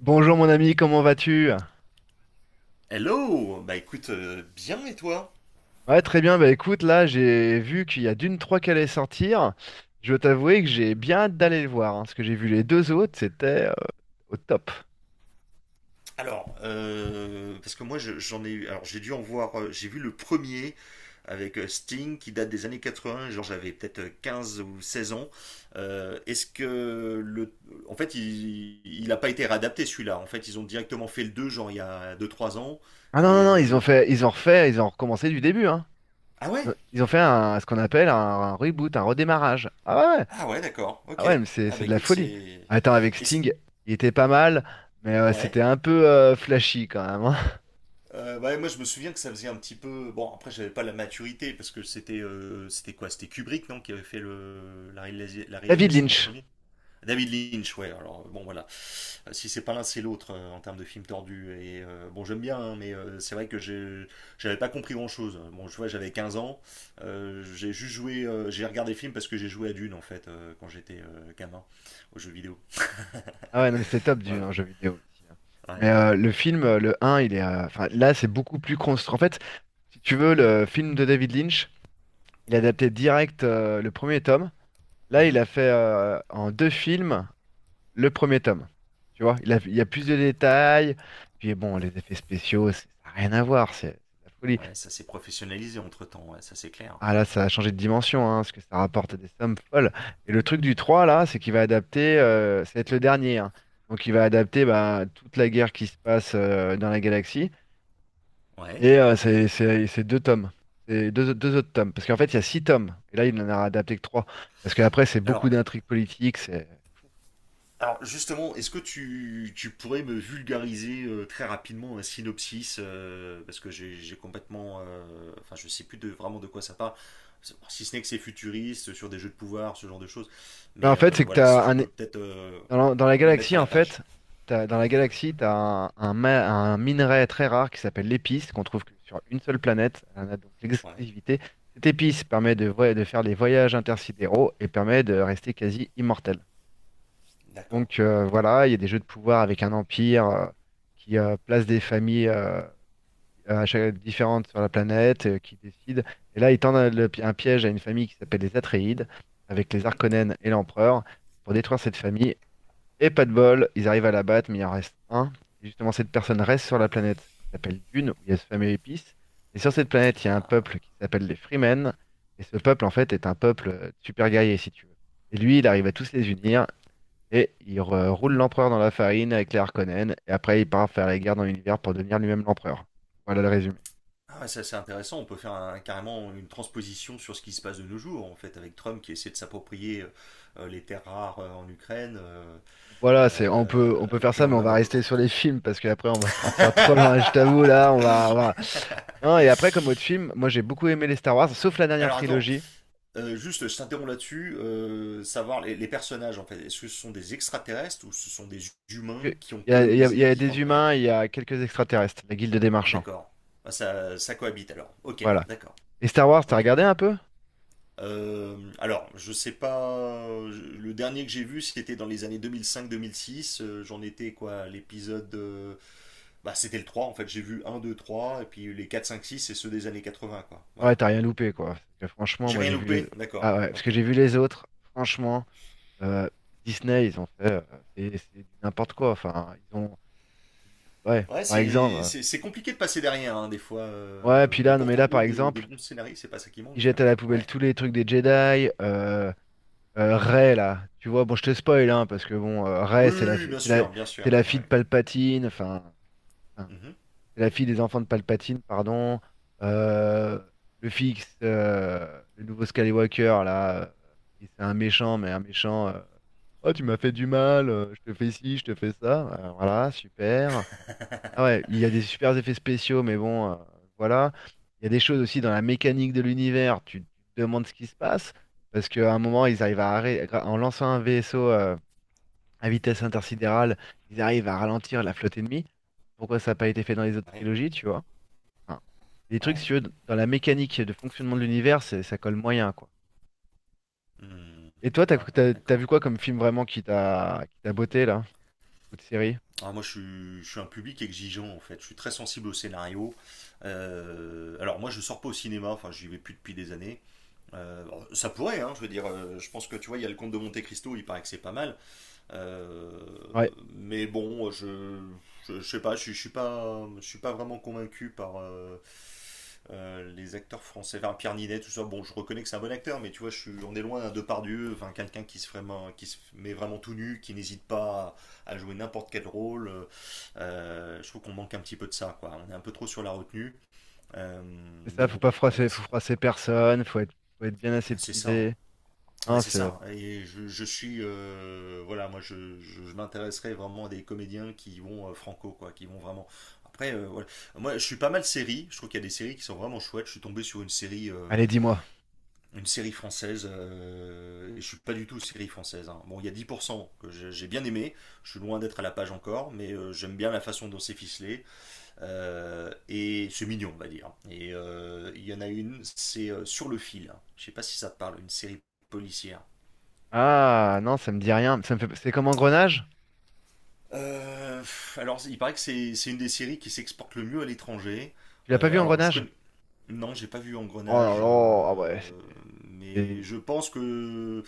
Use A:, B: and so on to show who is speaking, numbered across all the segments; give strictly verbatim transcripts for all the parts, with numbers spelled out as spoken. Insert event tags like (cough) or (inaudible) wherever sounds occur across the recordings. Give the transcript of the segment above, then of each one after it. A: Bonjour mon ami, comment vas-tu?
B: Hello. Bah écoute, euh, bien et toi?
A: Ouais, très bien. Bah écoute, là, j'ai vu qu'il y a Dune trois qui allait sortir. Je dois t'avouer que j'ai bien hâte d'aller le voir, hein, parce que j'ai vu les deux autres, c'était euh, au top.
B: Alors, euh, parce que moi je- j'en ai eu, alors j'ai dû en voir, euh, j'ai vu le premier avec euh, Sting qui date des années quatre-vingts. Genre j'avais peut-être euh, quinze ou seize ans. Euh, est-ce que le, en fait il, il a pas été réadapté celui-là, en fait ils ont directement fait le deux genre il y a deux trois ans
A: Ah non, non,
B: et
A: non,
B: euh,
A: ils ont
B: le...
A: fait, ils ont refait, ils ont recommencé du début, hein.
B: Ah ouais?
A: Ils ont fait un- Ce qu'on appelle un, un reboot, un redémarrage. Ah ouais, ouais.
B: Ah ouais, d'accord,
A: ah
B: ok.
A: ouais, mais c'est
B: Ah
A: c'est
B: bah
A: de la
B: écoute
A: folie.
B: c'est...
A: Attends, avec
B: Et c'est...
A: Sting, il était pas mal, mais euh, c'était
B: Ouais?
A: un peu euh, flashy quand même, hein. (laughs)
B: Euh, ouais, moi je me souviens que ça faisait un petit peu. Bon, après j'avais pas la maturité parce que c'était euh, c'était quoi? C'était Kubrick, non, qui avait fait le... la, réalisa- la
A: David
B: réalisation du
A: Lynch.
B: premier? David Lynch, ouais. Alors euh, bon, voilà. Euh, si c'est pas l'un, c'est l'autre euh, en termes de film tordu. Et euh, bon, j'aime bien, hein, mais euh, c'est vrai que j'ai- j'avais pas compris grand-chose. Bon, je vois, j'avais quinze ans. Euh, j'ai juste joué, euh, j'ai regardé le film parce que j'ai joué à Dune en fait euh, quand j'étais euh, gamin aux jeux vidéo.
A: Ah ouais, non, mais c'est top du
B: Voilà.
A: un jeu vidéo aussi, hein. Mais
B: Ouais.
A: euh, le film, euh, le un il est... euh, Enfin, là, c'est beaucoup plus construit. En fait, si tu veux, le film de David Lynch, il a adapté direct euh, le premier tome. Là, il
B: Mhm.
A: a fait euh, en deux films le premier tome. Tu vois, il a, il y a plus de détails. Puis bon, les effets spéciaux, c'est- ça n'a rien à voir. C'est c'est de la folie.
B: Ouais, ça s'est professionnalisé entre-temps, ouais, ça c'est clair.
A: Ah là, ça a changé de dimension, hein, parce que ça rapporte des sommes folles. Et le truc du trois là, c'est qu'il va adapter, euh, ça va être le dernier, hein. Donc il va adapter, bah, toute la guerre qui se passe euh, dans la galaxie.
B: Ouais.
A: Et euh, c'est c'est- c'est deux tomes. C'est deux, deux autres tomes. Parce qu'en fait, il y a six tomes. Et là, il n'en a adapté que trois. Parce qu'après, c'est beaucoup
B: Alors,
A: d'intrigues politiques. c'est-
B: Alors justement, est-ce que tu, tu pourrais me vulgariser euh, très rapidement un synopsis euh, parce que j'ai j'ai complètement, euh, enfin je sais plus de, vraiment de quoi ça parle, si ce n'est que c'est futuriste sur des jeux de pouvoir, ce genre de choses.
A: Bah, en
B: Mais
A: fait,
B: euh,
A: c'est que tu
B: voilà, si
A: as
B: tu
A: un,
B: peux peut-être euh,
A: dans la, dans la
B: me mettre à
A: galaxie, en
B: la page.
A: fait, t'as- dans la galaxie, tu as un, un ma- un minerai très rare qui s'appelle l'épice, qu'on trouve que sur une seule planète. On a donc
B: Ouais,
A: l'exclusivité. Cette épice permet de, voy- de faire des voyages intersidéraux et permet de rester quasi immortel.
B: d'accord.
A: Donc euh, voilà, il y a des jeux de pouvoir avec un empire euh, qui euh, place des familles euh, à chaque- différentes sur la planète, euh, qui décide. Et là, ils tendent un, le pi- un piège à une famille qui s'appelle les Atréides, avec les
B: Mhm.
A: Arconènes et l'Empereur, pour détruire cette famille, et pas de bol, ils arrivent à la battre, mais il en reste un. Et justement, cette personne reste sur la planète qui s'appelle Dune, où il y a ce fameux épice. Et sur cette planète, il y a un
B: Ah,
A: peuple qui s'appelle les Freemen. Et ce peuple, en fait, est un peuple euh, super guerrier, si tu veux. Et lui, il arrive à tous les unir. Et il re- roule l'empereur dans la farine avec les Harkonnen. Et après, il part faire la guerre dans l'univers pour devenir lui-même l'empereur. Voilà le résumé.
B: ah ouais, ça c'est intéressant. On peut faire un- carrément une transposition sur ce qui se passe de nos jours en fait avec Trump qui essaie de s'approprier euh, les terres rares euh, en Ukraine, euh,
A: Voilà, c'est on
B: euh,
A: peut on peut
B: et
A: faire
B: puis
A: ça,
B: euh,
A: mais on
B: même
A: va
B: un peu
A: rester sur les
B: partout.
A: films parce qu'après on va partir
B: (laughs)
A: trop loin. Je t'avoue là, on va, on va- non. Et après, comme autre film, moi j'ai beaucoup aimé les Star Wars, sauf la dernière
B: Alors attends,
A: trilogie.
B: euh, juste je t'interromps là-dessus, euh, savoir les, les personnages en fait, est-ce que ce sont des extraterrestres ou ce sont des
A: que-
B: humains qui ont
A: Il y a, il y a- il y
B: colonisé
A: a des
B: différentes planètes?
A: humains, il y a quelques extraterrestres, la Guilde des
B: Ah
A: Marchands.
B: d'accord, ah, ça, ça cohabite alors, ok,
A: Voilà.
B: d'accord,
A: Et Star Wars, t'as
B: ok.
A: regardé un peu?
B: Euh, alors, je sais pas, je- le dernier que j'ai vu c'était dans les années deux mille cinq-deux mille six, euh, j'en étais quoi, à l'épisode, euh, bah c'était le trois en fait, j'ai vu un, deux, trois et puis les quatre, cinq, six, c'est ceux des années quatre-vingts quoi,
A: Ouais,
B: voilà.
A: t'as rien loupé, quoi. Parce que franchement,
B: J'ai
A: moi
B: rien
A: j'ai vu les...
B: loupé? D'accord,
A: ah ouais, parce que
B: ok.
A: j'ai vu les autres. Franchement, euh, Disney, ils ont fait, euh, c'est c'est du n'importe quoi. Enfin, ils ont, ouais,
B: Ouais,
A: par exemple.
B: c'est
A: euh,
B: c'est- c'est compliqué de passer derrière, hein, des fois.
A: Ouais, puis
B: Euh, et
A: là, non, mais
B: pourtant,
A: là
B: bon,
A: par
B: des, des
A: exemple.
B: bons scénarios, c'est pas ça qui
A: Il
B: manque.
A: jette à la poubelle
B: Ouais.
A: tous les trucs des Jedi. Euh, euh, Rey, là, tu vois, bon, je te spoil, hein, parce que bon, euh,
B: Oui,
A: Rey, c'est
B: oui,
A: la,
B: oui,
A: fi-
B: bien
A: c'est la,
B: sûr, bien
A: c'est
B: sûr.
A: la fille de
B: Ouais.
A: Palpatine, enfin, enfin,
B: Mhm.
A: c'est la fille des enfants de Palpatine, pardon. Euh, le fixe, le nouveau Skywalker, là, euh, et c'est un méchant, mais un méchant. Euh, oh, tu m'as fait du mal, euh, je te fais ci, je te fais ça. Euh, voilà, super. Ah ouais, il y a des super effets spéciaux, mais bon, euh, voilà. Il y a des choses aussi dans la mécanique de l'univers. Tu, te demandes ce qui se passe, parce qu'à un moment, ils arrivent à arrêter, en lançant un vaisseau euh, à vitesse intersidérale, ils arrivent à ralentir la flotte ennemie. Pourquoi ça n'a pas été fait dans les autres
B: Ouais.
A: trilogies, tu vois? Enfin, des trucs, si
B: Ouais.
A: tu veux, dans la mécanique de fonctionnement de l'univers, c'est- ça colle moyen, quoi.
B: Hmm.
A: Et toi, t'as,
B: Ouais,
A: t'as, t'as vu
B: d'accord.
A: quoi comme film vraiment qui t'a, qui t'a botté, là? Ou de série?
B: Alors, moi, je suis, je suis un public exigeant, en fait. Je suis très sensible au scénario. Euh, alors, moi, je sors pas au cinéma. Enfin, j'y vais plus depuis des années. Euh, alors, ça pourrait, hein, je veux dire. Euh, je pense que, tu vois, il y a le Comte de Monte-Cristo, il paraît que c'est pas mal. Euh,
A: Ouais,
B: mais bon, je, je, je sais pas, je, je suis pas, je suis pas vraiment convaincu par euh, euh, les acteurs français, enfin Pierre Ninet, tout ça. Bon, je reconnais que c'est un bon acteur, mais tu vois, je suis, on est loin d'un Depardieu, enfin quelqu'un qui se vraiment, qui se met vraiment tout nu, qui n'hésite pas à, à jouer n'importe quel rôle. Euh, je trouve qu'on manque un petit peu de ça, quoi. On est un peu trop sur la retenue, euh,
A: c'est
B: mais
A: ça, faut pas
B: bon,
A: froisser,
B: voilà,
A: faut
B: c'est
A: froisser personne, faut être, faut être bien
B: bah, c'est ça. Hein.
A: aseptisé.
B: Ouais,
A: Non,
B: c'est
A: c'est...
B: ça. Et je, je suis, euh, voilà, moi, je, je, je m'intéresserais vraiment à des comédiens qui vont euh, franco, quoi, qui vont vraiment. Après, euh, voilà. Moi, je suis pas mal série. Je trouve qu'il y a des séries qui sont vraiment chouettes. Je suis tombé sur une série, euh,
A: Allez, dis-moi.
B: une série française. Euh, et je suis pas du tout série française. Hein. Bon, il y a dix pour cent que j'ai j'ai bien aimé. Je suis loin d'être à la page encore, mais euh, j'aime bien la façon dont c'est ficelé. Euh, et c'est mignon, on va dire. Et euh, il y en a une, c'est euh, Sur le fil. Je sais pas si ça te parle, une série policière.
A: Ah, non, ça me dit rien. Ça me fait... C'est comme Engrenage?
B: Euh, alors, il paraît que c'est c'est une des séries qui s'exporte le mieux à l'étranger.
A: Tu l'as pas
B: Euh,
A: vu,
B: alors, je
A: Engrenage?
B: connais, non, j'ai pas vu
A: Oh là
B: Engrenage,
A: là, ah ouais,
B: euh,
A: c'est...
B: mais
A: c'est...
B: je pense que,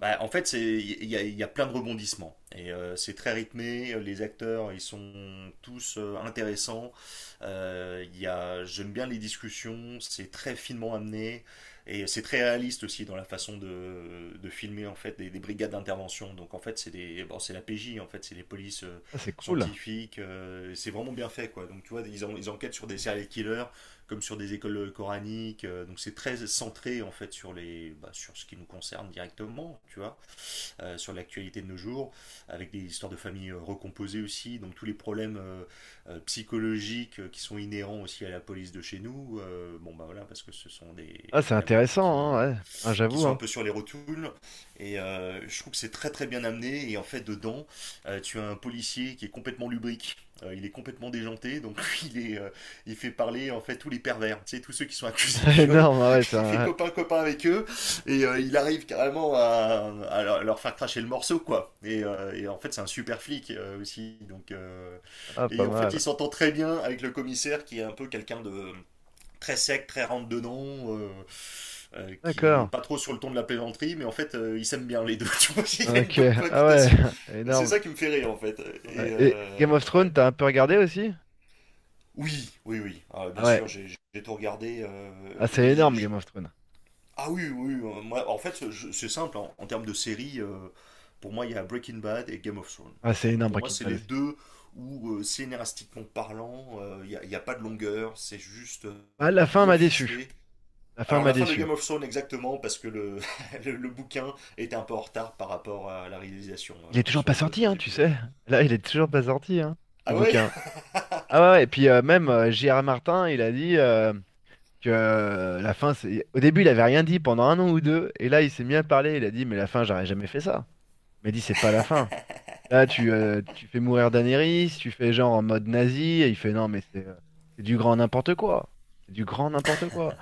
B: bah, en fait, c'est il y a, il y a plein de rebondissements et euh, c'est très rythmé. Les acteurs, ils sont tous euh, intéressants. Euh, il y a, j'aime bien les discussions. C'est très finement amené et c'est très réaliste aussi dans la façon de, de filmer en fait des, des brigades d'intervention. Donc en fait, c'est des, bon, c'est la P J en fait, c'est des polices euh,
A: ah, c'est cool.
B: scientifiques. Euh, et c'est vraiment bien fait quoi. Donc tu vois, ils, en- ils enquêtent sur des serial killers comme sur des écoles coraniques. Euh, donc c'est très centré en fait sur les, bah, sur ce qui nous concerne directement, tu vois, euh, sur l'actualité de nos jours, avec des histoires de familles euh, recomposées aussi. Donc tous les problèmes euh, euh, psychologiques euh, qui sont inhérents aussi à la police de chez nous. Euh, bon bah voilà, parce que ce sont des,
A: Ah, c'est
B: il y en a beaucoup
A: intéressant, hein,
B: qui
A: ouais. Ah,
B: qui
A: j'avoue,
B: sont un
A: hein.
B: peu sur les rotules. Et euh, je trouve que c'est très très bien amené. Et en fait, dedans, euh, tu as un policier qui est complètement lubrique. Euh, il est complètement déjanté, donc (laughs) il est, euh, il fait parler en fait tous les pervers, tu sais, tous ceux qui sont accusés de
A: (laughs)
B: viol.
A: Énorme, ah ouais,
B: (laughs)
A: c'est
B: Il fait
A: un...
B: copain copain avec eux et euh, il arrive carrément à, à leur- faire cracher le morceau quoi. Et, euh, et en fait c'est un super flic euh, aussi, donc euh,
A: Ah, pas
B: et en fait
A: mal.
B: il s'entend très bien avec le commissaire qui est un peu quelqu'un de très sec, très rentre dedans, euh, euh, qui est
A: D'accord.
B: pas trop sur le ton de la plaisanterie, mais en fait, euh, ils s'aiment bien les deux. (laughs) Tu vois, il y a une
A: Ok,
B: bonne
A: ah ouais,
B: cohabitation.
A: (laughs)
B: Et c'est
A: énorme.
B: ça qui me fait rire, en fait. Et
A: Ouais. Et
B: euh,
A: Game of
B: ouais.
A: Thrones, t'as un peu regardé aussi?
B: Oui, oui, oui. Ah, bien
A: Ah ouais,
B: sûr, j'ai j'ai tout regardé. Euh,
A: ah, c'est
B: et j'ai-
A: énorme, Game
B: j'ai-
A: of Thrones.
B: ah oui, oui. Euh, moi, en fait, je- c'est simple. En, en termes de séries, euh, pour moi, il y a Breaking Bad et Game of Thrones.
A: Ah, c'est énorme,
B: Pour moi,
A: Breaking
B: c'est
A: Bad
B: les
A: aussi.
B: deux où, euh, scénaristiquement parlant, euh, il n'y a, il y a pas de longueur. C'est juste euh,
A: Ah, la fin
B: bien
A: m'a déçu.
B: ficelé.
A: La fin
B: Alors
A: m'a
B: la fin de
A: déçu.
B: Game of Thrones exactement parce que le, (laughs) le, le bouquin était un peu en retard par rapport à la réalisation
A: Il
B: euh,
A: est toujours
B: sur
A: pas
B: les deux
A: sorti,
B: trois
A: hein, tu
B: épisodes.
A: sais. Là, il est toujours pas sorti, hein, le
B: Ah ouais.
A: bouquin. Ah ouais, ouais, et puis euh, même euh, J R. Martin, il a dit, euh, que euh, la fin, c'est... Au début, il avait rien dit pendant un an ou deux, et là, il s'est mis à parler, il a dit, mais la fin, j'aurais jamais fait ça. Il m'a dit, c'est pas la fin. Là, tu, euh, tu fais mourir Daenerys, tu fais genre en mode nazi, et il fait, non, mais c'est euh, c'est du grand n'importe quoi. C'est du grand n'importe quoi.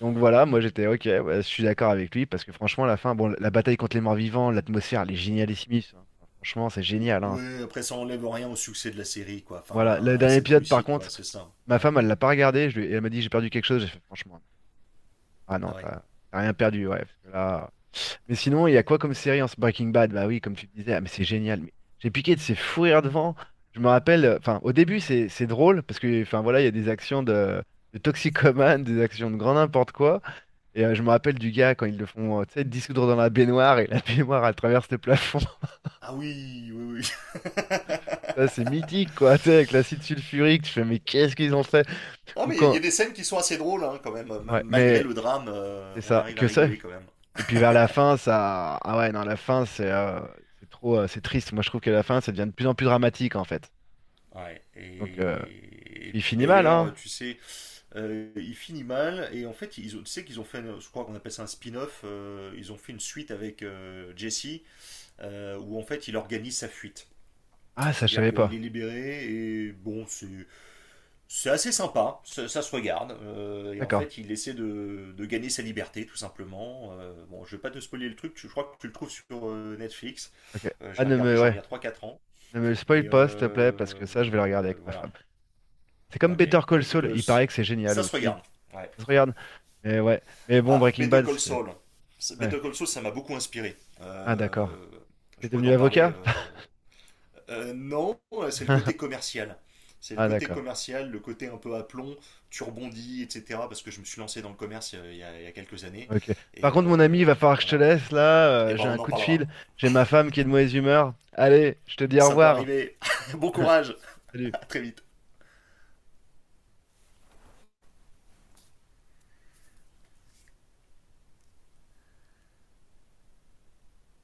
A: Donc voilà, moi j'étais, ok, ouais, je suis d'accord avec lui, parce que franchement, la fin, bon, la bataille contre les morts-vivants, l'atmosphère, elle est génialissime, hein. Franchement, c'est génial, hein.
B: Ouais, après ça enlève rien au succès de la série quoi,
A: Voilà, le
B: enfin à
A: dernier
B: cette
A: épisode, par
B: réussite quoi,
A: contre...
B: c'est ça.
A: Ma
B: Ouais.
A: femme, elle l'a pas regardé. Je lui- et Elle m'a dit, j'ai perdu quelque chose. J'ai fait, franchement, ah non,
B: Ah ouais.
A: t'as t'as rien perdu. Ouais, parce que là... Mais sinon, il y a quoi comme série en ce Breaking Bad? Bah oui, comme tu disais, ah, mais c'est génial. Mais j'ai piqué de ces fous rires devant. Je me rappelle, euh, enfin, au début, c'est c'est drôle parce que, enfin, voilà, il y a des actions de, de toxicomane, des actions de grand n'importe quoi. Et euh, je me rappelle du gars quand ils le font, euh, tu sais, dissoudre dans la baignoire et la (laughs) baignoire, elle traverse le plafond. (laughs)
B: Ah oui, oui, oui. (laughs)
A: Ça, c'est mythique, quoi, tu sais, avec l'acide sulfurique. Tu fais, mais qu'est-ce qu'ils ont fait?
B: non
A: Ou
B: mais il y, a- il y
A: quand.
B: a des scènes qui sont assez drôles hein, quand même. Même
A: Ouais,
B: malgré
A: mais.
B: le drame, euh,
A: C'est
B: on
A: ça,
B: arrive à
A: que ça.
B: rigoler quand même.
A: Et puis vers la fin, ça. Ah ouais, non, la fin, c'est euh, c'est trop. Euh, c'est triste. Moi, je trouve que la fin, ça devient de plus en plus dramatique, en fait.
B: Ouais.
A: Donc, euh,
B: Et, et
A: il
B: puis
A: finit mal, hein?
B: d'ailleurs, tu sais, euh, il finit mal et en fait ils ont, tu sais qu'ils ont fait je crois qu'on appelle ça un spin-off euh, ils ont fait une suite avec euh, Jesse euh, où en fait il organise sa fuite,
A: Ah, ça, je
B: c'est-à-dire
A: savais
B: qu'il est
A: pas.
B: libéré et bon c'est c'est assez sympa ça, ça se regarde. Euh, et en
A: D'accord.
B: fait il essaie de, de gagner sa liberté tout simplement. Euh, bon je vais pas te spoiler le truc tu- je crois que tu le trouves sur euh, Netflix.
A: Ok.
B: Euh, je
A: Ah,
B: l'ai
A: ne
B: regardé
A: me,
B: genre il
A: ouais.
B: y a trois quatre ans
A: Ne me le
B: et
A: spoil pas, s'il te plaît, parce
B: euh,
A: que ça, je vais le regarder
B: euh,
A: avec ma
B: voilà.
A: femme. C'est
B: Bah,
A: comme
B: ok
A: Better
B: bah
A: Call
B: écoute
A: Saul.
B: euh,
A: Il
B: c-
A: paraît que c'est génial
B: ça se
A: aussi.
B: regarde, ouais.
A: Ça se regarde. Mais ouais. Mais bon,
B: Ah,
A: Breaking
B: Better
A: Bad,
B: Call
A: c'était...
B: Saul. C'est-
A: Ouais.
B: Better Call Saul, ça m'a beaucoup inspiré.
A: Ah, d'accord.
B: Euh,
A: T'es
B: je pourrais
A: devenu
B: t'en parler.
A: avocat?
B: Euh. Euh, non, c'est le côté
A: (laughs)
B: commercial. C'est le
A: Ah,
B: côté
A: d'accord.
B: commercial, le côté un peu à plomb, tu rebondis, et cetera. Parce que je me suis lancé dans le commerce euh, il y a, il y a quelques années.
A: Ok.
B: Et
A: Par contre, mon ami, il
B: euh,
A: va falloir que je te
B: voilà.
A: laisse là.
B: Et
A: Euh,
B: ben,
A: j'ai
B: on
A: un
B: en
A: coup de
B: parlera.
A: fil. J'ai ma femme qui est de mauvaise humeur. Allez, je te dis au
B: Ça peut
A: revoir.
B: arriver. (laughs) Bon courage.
A: (laughs) Salut.
B: À très vite.